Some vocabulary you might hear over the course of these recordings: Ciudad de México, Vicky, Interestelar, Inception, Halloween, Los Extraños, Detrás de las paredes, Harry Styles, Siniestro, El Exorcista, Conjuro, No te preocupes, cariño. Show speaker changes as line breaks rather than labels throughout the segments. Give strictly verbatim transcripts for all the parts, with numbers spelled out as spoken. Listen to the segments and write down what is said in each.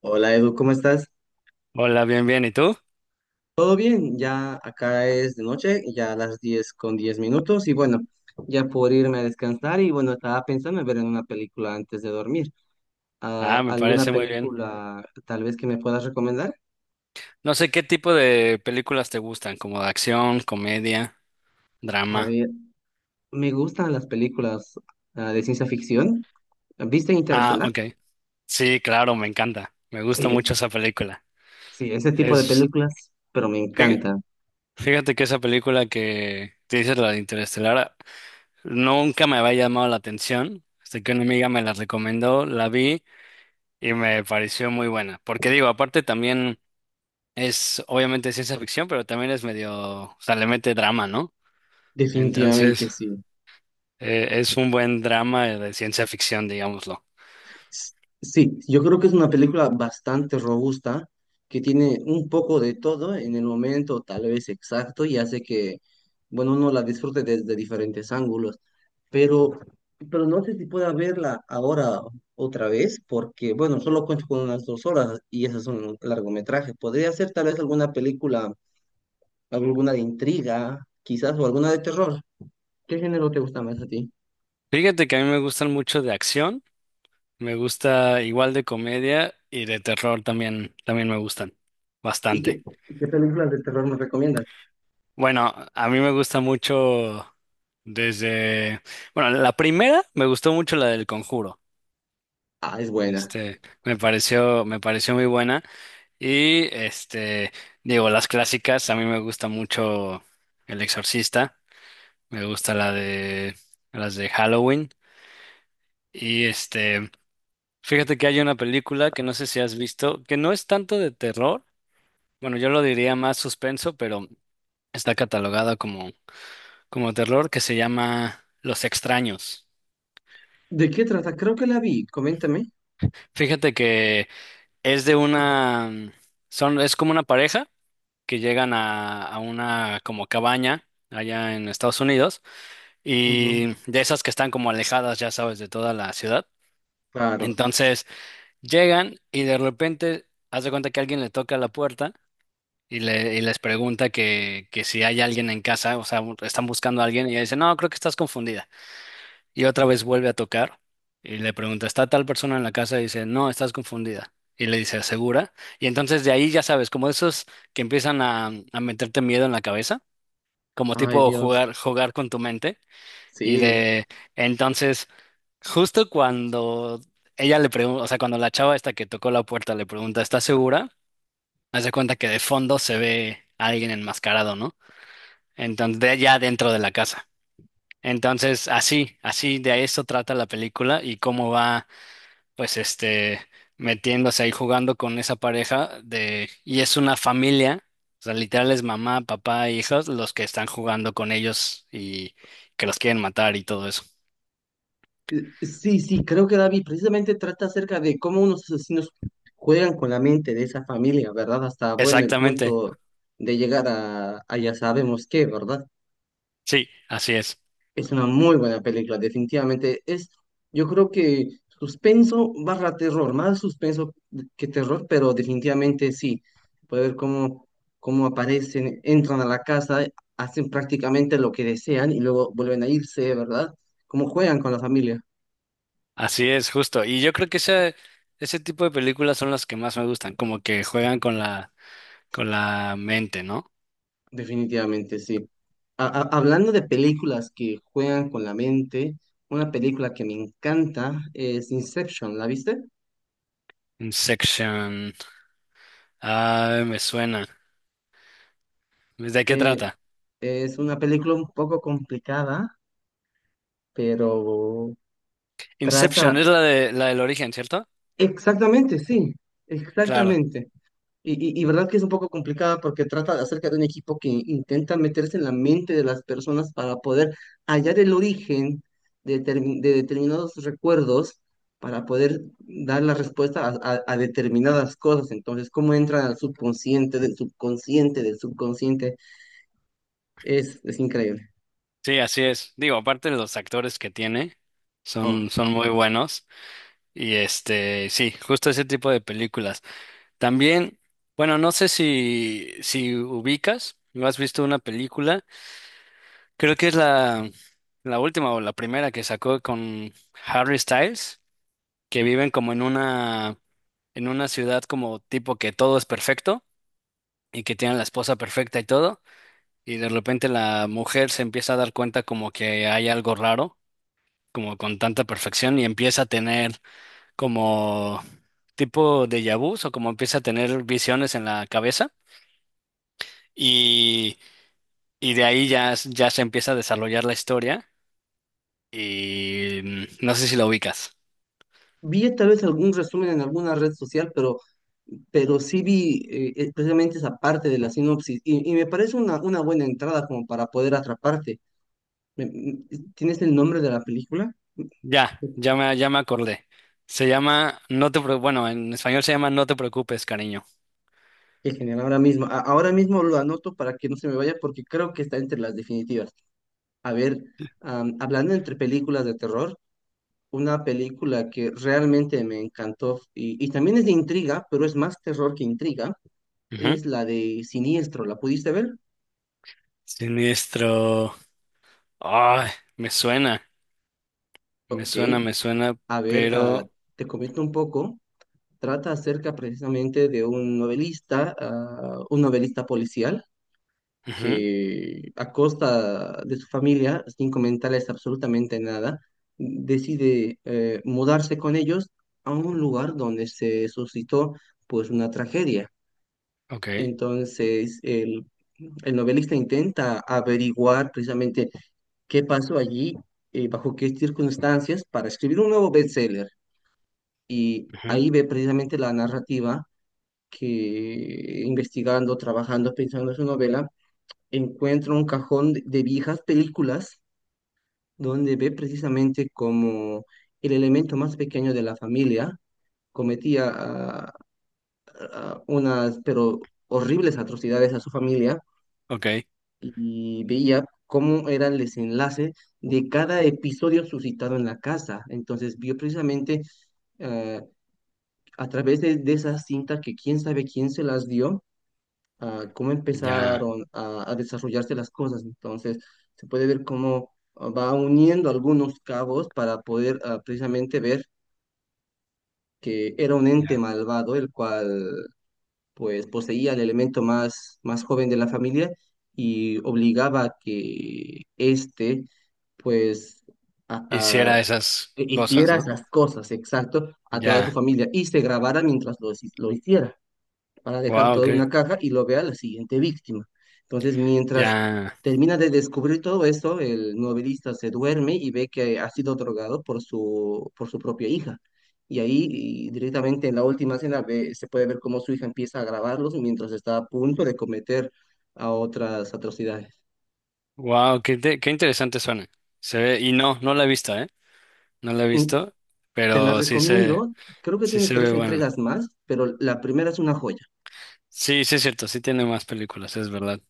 Hola Edu, ¿cómo estás?
Hola, bien, bien. ¿Y tú?
¿Todo bien? Ya acá es de noche, ya a las diez con diez minutos y bueno, ya por irme a descansar y bueno, estaba pensando en ver en una película antes de dormir.
Ah,
Ah,
me
¿alguna
parece muy bien.
película tal vez que me puedas recomendar?
No sé qué tipo de películas te gustan, como de acción, comedia,
A
drama.
ver, me gustan las películas ah, de ciencia ficción. ¿Viste
Ah,
Interestelar?
ok. Sí, claro, me encanta. Me gusta mucho
Sí,
esa película.
sí, ese tipo de
Es,
películas, pero me
fí-
encanta.
Fíjate que esa película que te dices, la de Interestelar, nunca me había llamado la atención. Hasta que una amiga me la recomendó, la vi y me pareció muy buena. Porque digo, aparte también es obviamente ciencia ficción, pero también es medio, o sea, le mete drama, ¿no? Entonces...
Definitivamente sí.
Eh, es un buen drama de ciencia ficción, digámoslo.
S- Sí, yo creo que es una película bastante robusta, que tiene un poco de todo en el momento tal vez exacto y hace que, bueno, uno la disfrute desde diferentes ángulos, pero, pero no sé si pueda verla ahora otra vez, porque, bueno, solo cuento con unas dos horas y esas son largometrajes. Podría ser tal vez alguna película, alguna de intriga, quizás, o alguna de terror. ¿Qué género te gusta más a ti?
Fíjate que a mí me gustan mucho de acción, me gusta igual de comedia y de terror también, también me gustan
¿Y qué,
bastante.
y qué películas de terror me recomiendas?
Bueno, a mí me gusta mucho desde, bueno, la primera me gustó mucho la del Conjuro.
Ah, es buena.
Este, me pareció, me pareció muy buena. Y este, Digo, las clásicas, a mí me gusta mucho El Exorcista, me gusta la de, las de Halloween. Y este, Fíjate que hay una película que no sé si has visto, que no es tanto de terror, bueno, yo lo diría más suspenso, pero está catalogada como, como terror, que se llama Los Extraños.
¿De qué trata? Creo que la vi, coméntame.
Fíjate que es de una, mm, son, es como una pareja que llegan a, a una como cabaña allá en Estados Unidos
Ujú,
y de esas que están como alejadas, ya sabes, de toda la ciudad.
claro.
Entonces llegan y de repente haz de cuenta que alguien le toca la puerta y, le- y les pregunta que, que si hay alguien en casa, o sea, bu- están buscando a alguien y ella dice, no, creo que estás confundida. Y otra vez vuelve a tocar y le pregunta, ¿está tal persona en la casa? Y dice, no, estás confundida. Y le dice, ¿segura? Y entonces de ahí ya sabes, como esos que empiezan a, a meterte miedo en la cabeza, como
Ay,
tipo
Dios.
jugar, jugar con tu mente. Y
Sí.
de Entonces, justo cuando ella le pregunta, o sea, cuando la chava esta que tocó la puerta le pregunta, ¿estás segura? Haz de cuenta que de fondo se ve a alguien enmascarado, ¿no? Entonces, de allá dentro de la casa. Entonces, así, así de eso trata la película y cómo va, pues, este, metiéndose ahí jugando con esa pareja de, y es una familia, o sea, literal es mamá, papá, e hijos, los que están jugando con ellos y que los quieren matar y todo eso.
Eh, Sí, sí, creo que la vi. Precisamente trata acerca de cómo unos asesinos juegan con la mente de esa familia, ¿verdad? Hasta, bueno, el
Exactamente,
punto de llegar a, a ya sabemos qué, ¿verdad?
sí, así es,
Es una muy buena película, definitivamente. Es, yo creo que suspenso barra terror, más suspenso que terror, pero definitivamente sí. Puede ver cómo, cómo aparecen, entran a la casa, hacen prácticamente lo que desean y luego vuelven a irse, ¿verdad? Cómo juegan con la familia,
así es, justo. Y yo creo que ese, ese tipo de películas son las que más me gustan, como que juegan con la, con la mente, ¿no?
definitivamente sí. A- a- hablando de películas que juegan con la mente, una película que me encanta es Inception, ¿la viste?
Inception. Ah, me suena. ¿De qué
Eh,
trata?
es una película un poco complicada pero
Inception es
trata,
la de la del origen, ¿cierto?
exactamente, sí,
Claro.
exactamente. Y, y, y verdad que es un poco complicada porque trata de acerca de un equipo que intenta meterse en la mente de las personas para poder hallar el origen de, determin- de determinados recuerdos, para poder dar la respuesta a, a- a determinadas cosas. Entonces, cómo entran al subconsciente, del subconsciente, del subconsciente, es, es increíble.
Sí, así es. Digo, aparte de los actores que tiene,
Oh.
son, son muy buenos. Y este, sí, justo ese tipo de películas. También, bueno, no sé si, si ubicas, ¿no has visto una película? Creo que es la, la última o la primera que sacó con Harry Styles, que viven como en una, en una ciudad como tipo que todo es perfecto y que tienen la esposa perfecta y todo. Y de repente la mujer se empieza a dar cuenta como que hay algo raro, como con tanta perfección, y empieza a tener como tipo de vus o como empieza a tener visiones en la cabeza. Y, y de ahí ya, s- ya se empieza a desarrollar la historia. Y mm, no sé si la ubicas.
Vi tal vez algún resumen en alguna red social, pero, pero sí vi eh, eh, precisamente esa parte de la sinopsis y, y me parece una, una buena entrada como para poder atraparte. Me- me- ¿Tienes el nombre de la película?
Ya, ya me, ya me acordé. Se llama, no te, preo- bueno, en español se llama No te preocupes, cariño.
Qué genial, ahora mismo. A- ahora mismo lo anoto para que no se me vaya porque creo que está entre las definitivas. A ver, am, hablando entre películas de terror, una película que realmente me encantó y, y también es de intriga, pero es más terror que intriga,
Ujú.
es la de Siniestro. ¿La pudiste ver?
Siniestro. Ay, me suena. Me
Ok,
suena, me suena,
a ver, ah,
pero...
te comento un poco. Trata acerca precisamente de un novelista, ah, un novelista policial,
Ujú.
que a costa de su familia, sin comentarles absolutamente nada, decide eh, mudarse con ellos a un lugar donde se suscitó pues una tragedia.
Ok.
Entonces, el, el novelista intenta averiguar precisamente qué pasó allí, eh, bajo qué circunstancias, para escribir un nuevo bestseller. Y
Ujú,
ahí ve precisamente la narrativa que investigando, trabajando, pensando en su novela, encuentra un cajón de de viejas películas donde ve precisamente como el elemento más pequeño de la familia cometía ah, ah, unas, pero horribles atrocidades a su familia
ok,
y veía cómo era el desenlace de cada episodio suscitado en la casa. Entonces vio precisamente ah, a través de, de esas cintas que quién sabe quién se las dio, ah, cómo
ya,
empezaron a, a desarrollarse las cosas. Entonces, se puede ver cómo ah, va uniendo algunos cabos para poder ah, precisamente ver que era un ente
ya.
malvado, el cual pues poseía el elemento más, más joven de la familia y obligaba a que éste pues a- a-
Hiciera esas cosas,
hiciera
¿no?
esas cosas, exacto, a toda su
Ya,
familia y se grabara mientras lo, hici- lo hiciera, para dejar
wow,
toda
qué,
una caja y lo vea la siguiente víctima. Entonces, mientras
ya,
termina de descubrir todo esto, el novelista se duerme y ve que ha sido drogado por su, por su propia hija. Y ahí y directamente en la última escena ve- se puede ver cómo su hija empieza a grabarlos mientras está a punto de cometer a otras atrocidades.
wow, qué, te- qué interesante suena. Se ve, y no, no la he visto, ¿eh? No la he
Mm,
visto,
Te la
pero sí se,
recomiendo. Creo que
sí
tiene
se ve
tres
buena.
entregas más, pero la primera es una joya.
Sí, sí es cierto, sí tiene más películas, es verdad.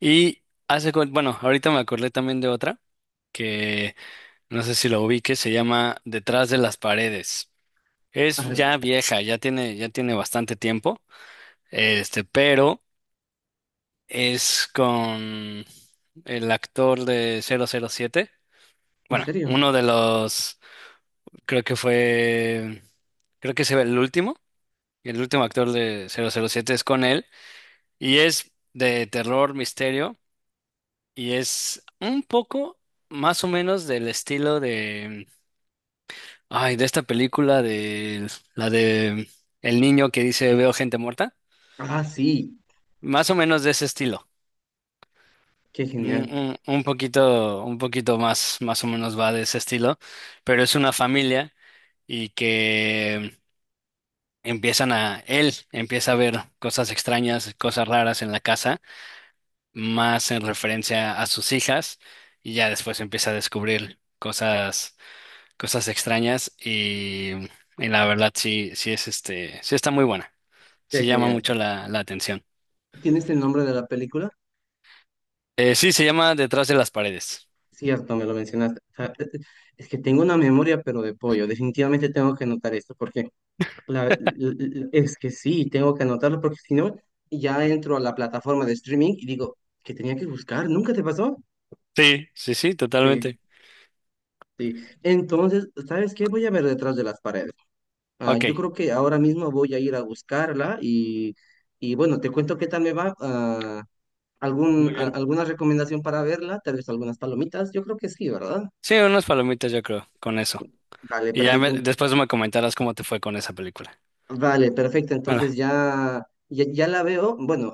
Y hace, cu- bueno, ahorita me acordé también de otra que no sé si lo ubique, se llama Detrás de las paredes.
A
Es
ver,
ya vieja, ya tiene, ya tiene bastante tiempo, este, pero es con el actor de cero cero siete.
¿en
Bueno,
serio?
uno de los, creo que fue, creo que se ve el último, el último actor de cero cero siete es con él, y es de terror, misterio, y es un poco más o menos del estilo de, ay, de esta película de, la de el niño que dice veo gente muerta,
Ah, sí.
más o menos de ese estilo.
Qué
Un,
genial.
un- un poquito, un poquito más, más o menos va de ese estilo, pero es una familia y que empiezan a, él empieza a ver cosas extrañas, cosas raras en la casa, más en referencia a sus hijas, y ya después empieza a descubrir cosas, cosas extrañas y, y la verdad sí, sí es este, sí está muy buena,
Qué
sí llama
genial.
mucho la, la atención.
¿Tienes el nombre de la película?
Eh, sí, se llama Detrás de las paredes.
Cierto, me lo mencionaste. O sea, e- e- es que tengo una memoria, pero de pollo. Definitivamente tengo que anotar esto, porque la- l- l- es que sí, tengo que anotarlo, porque si no, ya entro a la plataforma de streaming y digo, ¿que tenía que buscar? ¿Nunca te pasó?
Sí, sí, sí,
Sí,
totalmente.
sí. Entonces, ¿sabes qué? Voy a ver Detrás de las Paredes. Ah,
Ok,
yo creo que ahora mismo voy a ir a buscarla y, y bueno, te cuento qué tal me va. Ah, algún,
muy
a-
bien.
¿Alguna recomendación para verla? Tal vez algunas palomitas. Yo creo que sí, ¿verdad?
Sí, unas palomitas yo creo, con eso.
Vale,
Y ya
perfecto.
me-
en-
después me comentarás cómo te fue con esa película.
Vale, perfecto.
Bueno,
Entonces ya, ya, ya la veo. Bueno,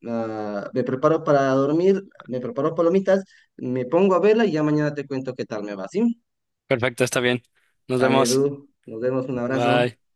mm, ah, me preparo para dormir, me preparo palomitas, me pongo a verla y ya mañana te cuento qué tal me va, ¿sí?
perfecto, está bien. Nos
Dale,
vemos.
Edu. Nos vemos. Un abrazo.
Bye.